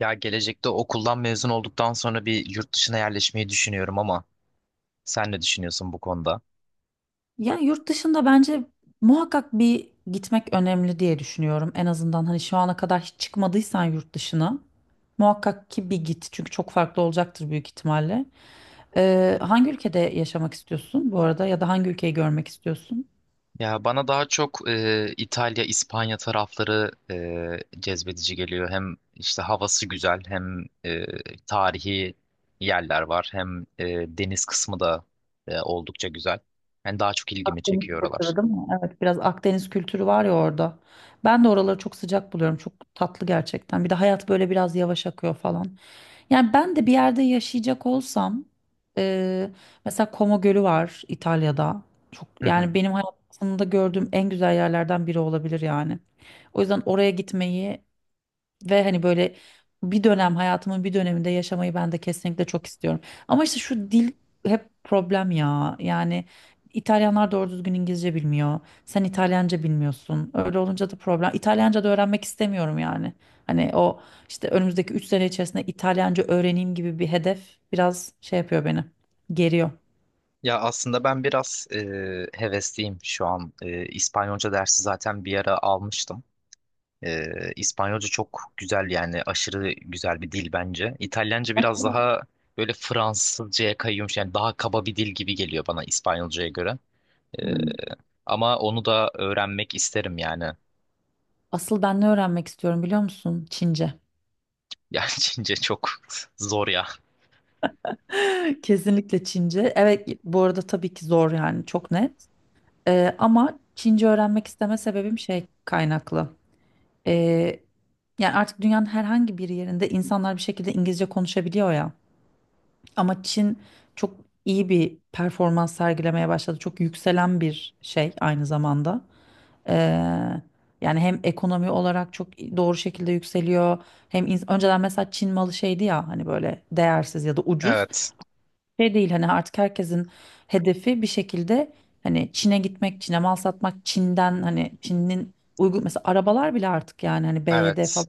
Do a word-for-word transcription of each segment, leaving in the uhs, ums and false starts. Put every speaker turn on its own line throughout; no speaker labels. Ya gelecekte okuldan mezun olduktan sonra bir yurt dışına yerleşmeyi düşünüyorum ama sen ne düşünüyorsun bu konuda?
Ya yurt dışında bence muhakkak bir gitmek önemli diye düşünüyorum. En azından hani şu ana kadar hiç çıkmadıysan yurt dışına muhakkak ki bir git. Çünkü çok farklı olacaktır büyük ihtimalle. Ee, hangi ülkede yaşamak istiyorsun bu arada ya da hangi ülkeyi görmek istiyorsun?
Ya bana daha çok e, İtalya, İspanya tarafları e, cezbedici geliyor. Hem işte havası güzel, hem e, tarihi yerler var, hem e, deniz kısmı da e, oldukça güzel. Yani daha çok ilgimi
Akdeniz
çekiyor oralar.
kültürü değil mi? Evet, biraz Akdeniz kültürü var ya orada. Ben de oraları çok sıcak buluyorum. Çok tatlı gerçekten. Bir de hayat böyle biraz yavaş akıyor falan. Yani ben de bir yerde yaşayacak olsam, e, mesela Como Gölü var İtalya'da. Çok yani benim hayatımda gördüğüm en güzel yerlerden biri olabilir yani. O yüzden oraya gitmeyi ve hani böyle bir dönem hayatımın bir döneminde yaşamayı ben de kesinlikle çok istiyorum. Ama işte şu dil hep problem ya. Yani İtalyanlar doğru düzgün İngilizce bilmiyor. Sen İtalyanca bilmiyorsun. Öyle olunca da problem. İtalyanca da öğrenmek istemiyorum yani. Hani o işte önümüzdeki üç sene içerisinde İtalyanca öğreneyim gibi bir hedef biraz şey yapıyor beni. Geriyor.
Ya aslında ben biraz e, hevesliyim şu an. E, İspanyolca dersi zaten bir ara almıştım. E, İspanyolca çok güzel, yani aşırı güzel bir dil bence. İtalyanca biraz daha böyle Fransızcaya kayıyormuş, yani daha kaba bir dil gibi geliyor bana İspanyolcaya göre. E,
Hmm.
Ama onu da öğrenmek isterim yani.
Asıl ben ne öğrenmek istiyorum biliyor musun? Çince.
Yani Çince çok zor ya.
Kesinlikle Çince. Evet, bu arada tabii ki zor yani çok net. Ee, ama Çince öğrenmek isteme sebebim şey kaynaklı. Ee, Yani artık dünyanın herhangi bir yerinde insanlar bir şekilde İngilizce konuşabiliyor ya. Ama Çin çok iyi bir performans sergilemeye başladı. Çok yükselen bir şey aynı zamanda. Ee, Yani hem ekonomi olarak çok doğru şekilde yükseliyor. Hem ins- önceden mesela Çin malı şeydi ya hani böyle değersiz ya da ucuz.
Evet,
Şey değil hani, artık herkesin hedefi bir şekilde hani Çin'e gitmek, Çin'e mal satmak, Çin'den hani Çin'in uygun mesela arabalar bile artık yani hani B Y D
evet,
falan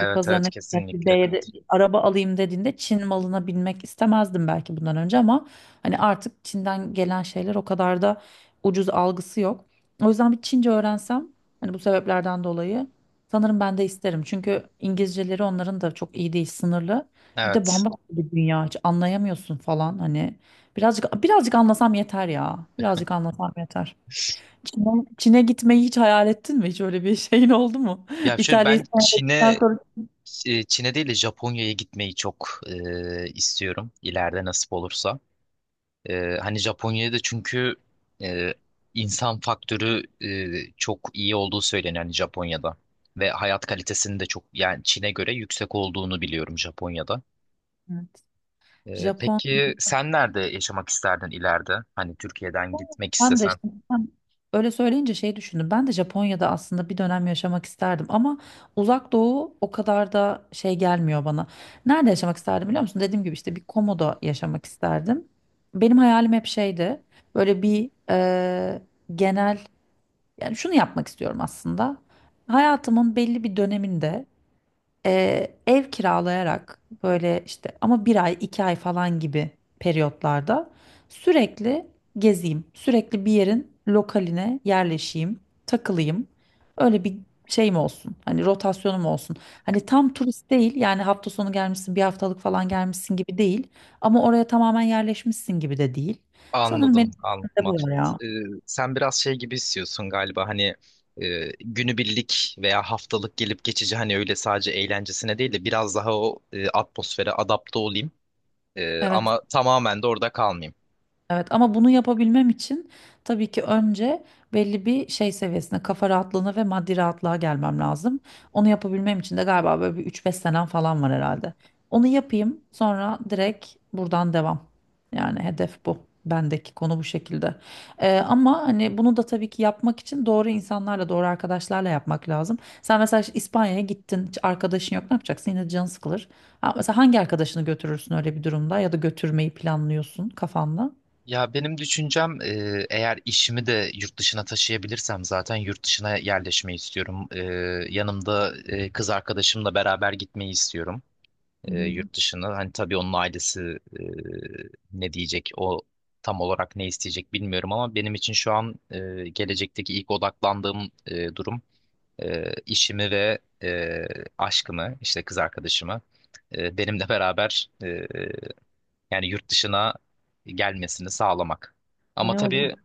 Türk pazarına
evet,
gitmek, bir
kesinlikle
B Y D
kat.
bir araba alayım dediğinde Çin malına binmek istemezdim belki bundan önce, ama hani artık Çin'den gelen şeyler o kadar da ucuz algısı yok. O yüzden bir Çince öğrensem hani bu sebeplerden dolayı sanırım ben de isterim. Çünkü İngilizceleri onların da çok iyi değil, sınırlı. Bir de
Evet.
bambaşka bir dünya, hiç anlayamıyorsun falan hani. Birazcık birazcık anlasam yeter ya. Birazcık anlasam yeter. Çin'e, Çin'e gitmeyi hiç hayal ettin mi? Hiç öyle bir şeyin oldu mu?
Ya şöyle
İtalya'yı
ben
senden
Çin'e
sonra.
Ç- Çin'e değil de Japonya'ya gitmeyi çok e, istiyorum, ileride nasip olursa. E, hani Japonya'da çünkü e, insan faktörü e, çok iyi olduğu söyleniyor hani Japonya'da ve hayat kalitesinin de çok, yani Çin'e göre yüksek olduğunu biliyorum Japonya'da.
Evet.
E,
Japon
peki sen nerede yaşamak isterdin ileride? Hani Türkiye'den gitmek
Ben de
istesen.
işte sen öyle söyleyince şey düşündüm. Ben de Japonya'da aslında bir dönem yaşamak isterdim ama Uzak Doğu o kadar da şey gelmiyor bana. Nerede yaşamak isterdim biliyor musun? Dediğim gibi işte bir komoda yaşamak isterdim. Benim hayalim hep şeydi. Böyle bir eee, genel, yani şunu yapmak istiyorum aslında. Hayatımın belli bir döneminde e, ev kiralayarak, böyle işte ama bir ay iki ay falan gibi periyotlarda sürekli gezeyim. Sürekli bir yerin lokaline yerleşeyim, takılayım. Öyle bir şeyim olsun. Hani rotasyonum olsun. Hani tam turist değil, yani hafta sonu gelmişsin, bir haftalık falan gelmişsin gibi değil. Ama oraya tamamen yerleşmişsin gibi de değil. Sanırım
Anladım,
benim
anladım.
de bu var ya.
Ee, Sen biraz şey gibi istiyorsun galiba, hani e, günübirlik veya haftalık gelip geçici, hani öyle sadece eğlencesine değil de biraz daha o e, atmosfere adapte olayım. E,
Evet.
ama tamamen de orada kalmayayım.
Evet, ama bunu yapabilmem için tabii ki önce belli bir şey seviyesine, kafa rahatlığına ve maddi rahatlığa gelmem lazım. Onu yapabilmem için de galiba böyle bir üç beş senem falan var herhalde. Onu yapayım, sonra direkt buradan devam. Yani hedef bu. Bendeki konu bu şekilde. Ee, ama hani bunu da tabii ki yapmak için doğru insanlarla, doğru arkadaşlarla yapmak lazım. Sen mesela işte İspanya'ya gittin, hiç arkadaşın yok, ne yapacaksın? Yine canın sıkılır. Ha, mesela hangi arkadaşını götürürsün öyle bir durumda, ya da götürmeyi planlıyorsun kafanda?
Ya benim düşüncem e, eğer işimi de yurt dışına taşıyabilirsem zaten yurt dışına yerleşmeyi istiyorum. E, yanımda e, kız arkadaşımla beraber gitmeyi istiyorum
Hı
e,
hı.
yurt dışına. Hani tabii onun ailesi e, ne diyecek, o tam olarak ne isteyecek bilmiyorum, ama benim için şu an e, gelecekteki ilk odaklandığım e, durum e, işimi ve e, aşkımı, işte kız arkadaşımı e, benimle beraber e, yani yurt dışına gelmesini sağlamak.
O
Ama
ne olur?
tabii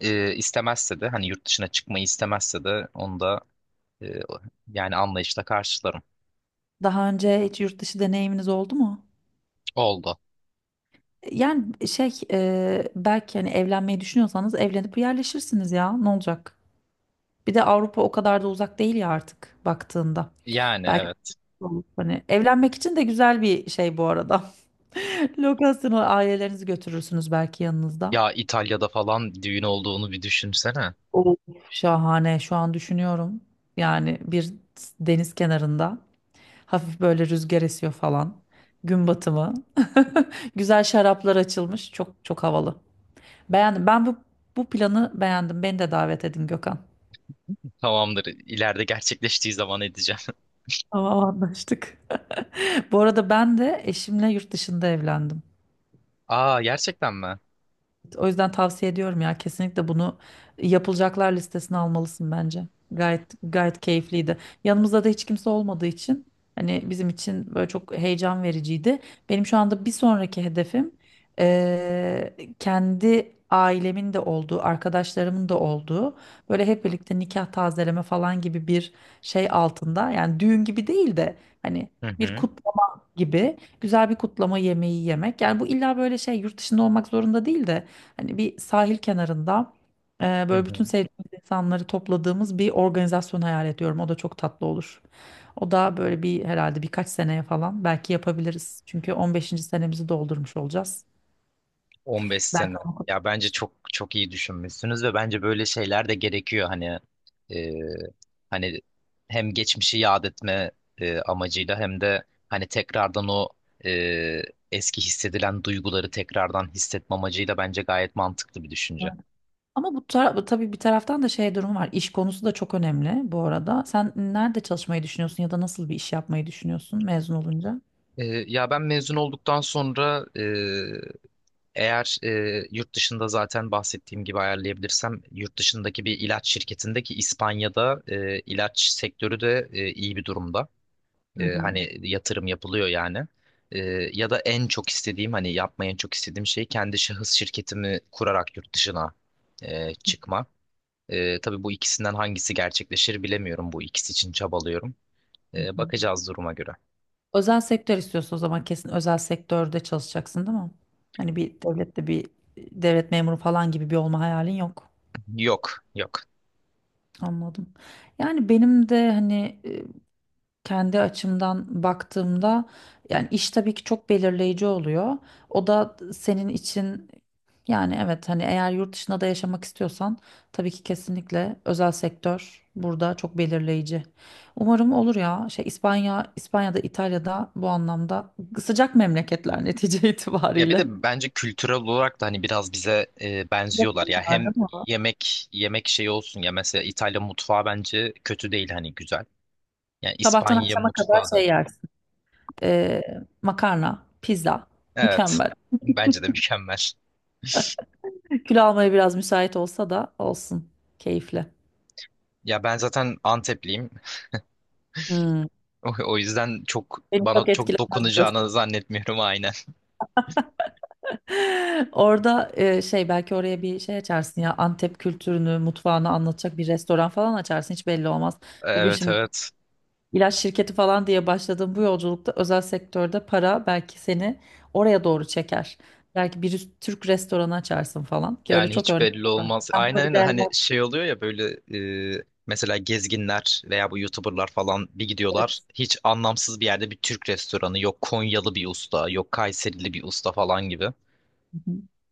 e, istemezse de, hani yurt dışına çıkmayı istemezse de onu da e, yani anlayışla karşılarım.
Daha önce hiç yurt dışı deneyiminiz oldu mu?
Oldu.
E, yani e, şey, e, belki hani evlenmeyi düşünüyorsanız evlenip yerleşirsiniz ya, ne olacak? Bir de Avrupa o kadar da uzak değil ya artık baktığında.
Yani
Belki
evet.
olur. Hani evlenmek için de güzel bir şey bu arada. Lokasyonu, ailelerinizi götürürsünüz belki yanınızda.
Ya İtalya'da falan düğün olduğunu bir düşünsene.
Şahane, şu an düşünüyorum. Yani bir deniz kenarında. Hafif böyle rüzgar esiyor falan. Gün batımı. Güzel şaraplar açılmış. Çok çok havalı. Beğendim. Ben bu bu planı beğendim. Beni de davet edin, Gökhan.
Tamamdır. İleride gerçekleştiği zaman edeceğim.
Tamam, anlaştık. Bu arada ben de eşimle yurt dışında evlendim.
Aa, gerçekten mi?
O yüzden tavsiye ediyorum ya, kesinlikle bunu yapılacaklar listesine almalısın bence. Gayet gayet keyifliydi. Yanımızda da hiç kimse olmadığı için hani bizim için böyle çok heyecan vericiydi. Benim şu anda bir sonraki hedefim eee, kendi ailemin de olduğu, arkadaşlarımın da olduğu, böyle hep birlikte nikah tazeleme falan gibi bir şey altında. Yani düğün gibi değil de hani
Hı
bir
hı.
kutlama gibi, güzel bir kutlama yemeği yemek. Yani bu illa böyle şey, yurt dışında olmak zorunda değil de hani bir sahil kenarında e,
Hı
böyle
hı.
bütün sevdiğimiz insanları topladığımız bir organizasyon hayal ediyorum. O da çok tatlı olur. O da böyle bir herhalde birkaç seneye falan belki yapabiliriz. Çünkü on beşinci senemizi doldurmuş olacağız.
on beş
Belki
sene.
onu.
Ya bence çok çok iyi düşünmüşsünüz ve bence böyle şeyler de gerekiyor, hani e, hani hem geçmişi yad etme e, amacıyla, hem de hani tekrardan o e, eski hissedilen duyguları tekrardan hissetme amacıyla bence gayet mantıklı bir düşünce.
Ama bu, tar tabii bir taraftan da şey durumu var. İş konusu da çok önemli bu arada. Sen nerede çalışmayı düşünüyorsun, ya da nasıl bir iş yapmayı düşünüyorsun mezun olunca?
E, ya ben mezun olduktan sonra eğer e, yurt dışında zaten bahsettiğim gibi ayarlayabilirsem, yurt dışındaki bir ilaç şirketindeki İspanya'da e, ilaç sektörü de e, iyi bir durumda.
Hı
E,
hı.
hani yatırım yapılıyor yani. E, Ya da en çok istediğim, hani yapmayı en çok istediğim şey, kendi şahıs şirketimi kurarak yurt dışına e, çıkma. E, tabii bu ikisinden hangisi gerçekleşir bilemiyorum. Bu ikisi için çabalıyorum.
Hı
E,
hı.
bakacağız duruma göre.
Özel sektör istiyorsun o zaman, kesin özel sektörde çalışacaksın değil mi? Hani bir devlette, bir devlet memuru falan gibi bir olma hayalin yok.
Yok, yok.
Anladım. Yani benim de hani kendi açımdan baktığımda yani iş tabii ki çok belirleyici oluyor. O da senin için, yani evet hani eğer yurt dışında da yaşamak istiyorsan tabii ki kesinlikle özel sektör burada çok belirleyici. Umarım olur ya. Şey, İspanya, İspanya'da, İtalya'da bu anlamda sıcak memleketler netice
Ya bir
itibariyle.
de bence kültürel olarak da hani biraz bize e, benziyorlar
Yakın
ya,
var
hem
değil mi?
yemek yemek şeyi olsun ya, mesela İtalya mutfağı bence kötü değil, hani güzel. Yani
Sabahtan
İspanya
akşama kadar
mutfağı da
şey yersin. Ee, Makarna, pizza.
evet,
Mükemmel.
bence de mükemmel.
Kül almaya biraz müsait olsa da olsun. Keyifli.
Ya ben zaten Antepliyim.
Hmm.
O, o yüzden çok
Beni
bana
çok
çok
etkilemez diyorsun.
dokunacağını zannetmiyorum, aynen.
Orada e, şey, belki oraya bir şey açarsın ya, Antep kültürünü, mutfağını anlatacak bir restoran falan açarsın, hiç belli olmaz. Bugün
Evet,
şimdi
evet.
ilaç şirketi falan diye başladığım bu yolculukta, özel sektörde para belki seni oraya doğru çeker. Belki bir Türk restoranı açarsın falan, ki öyle
Yani
çok
hiç
örnek
belli
var.
olmaz.
Ben
Aynen,
buna bir
aynen,
değer
hani şey oluyor ya, böyle e, mesela gezginler veya bu YouTuber'lar falan bir
verdim.
gidiyorlar. Hiç anlamsız bir yerde bir Türk restoranı, yok Konyalı bir usta, yok Kayserili bir usta falan gibi.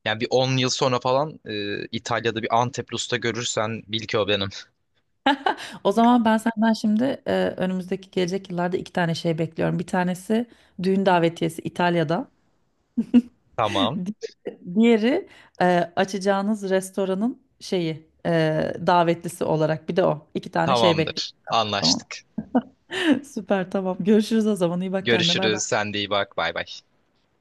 Yani bir on yıl sonra falan e, İtalya'da bir Antepli usta görürsen, bil ki o benim.
O zaman ben senden şimdi, e, önümüzdeki gelecek yıllarda iki tane şey bekliyorum. Bir tanesi düğün davetiyesi İtalya'da.
Tamam.
Di- Diğeri, e, açacağınız restoranın şeyi, e, davetlisi olarak. Bir de o. İki tane şey
Tamamdır.
bekliyorum. Tamam.
Anlaştık.
Süper, tamam. Görüşürüz o zaman. İyi bak kendine. Bay
Görüşürüz.
bay.
Sen de iyi bak. Bay bay.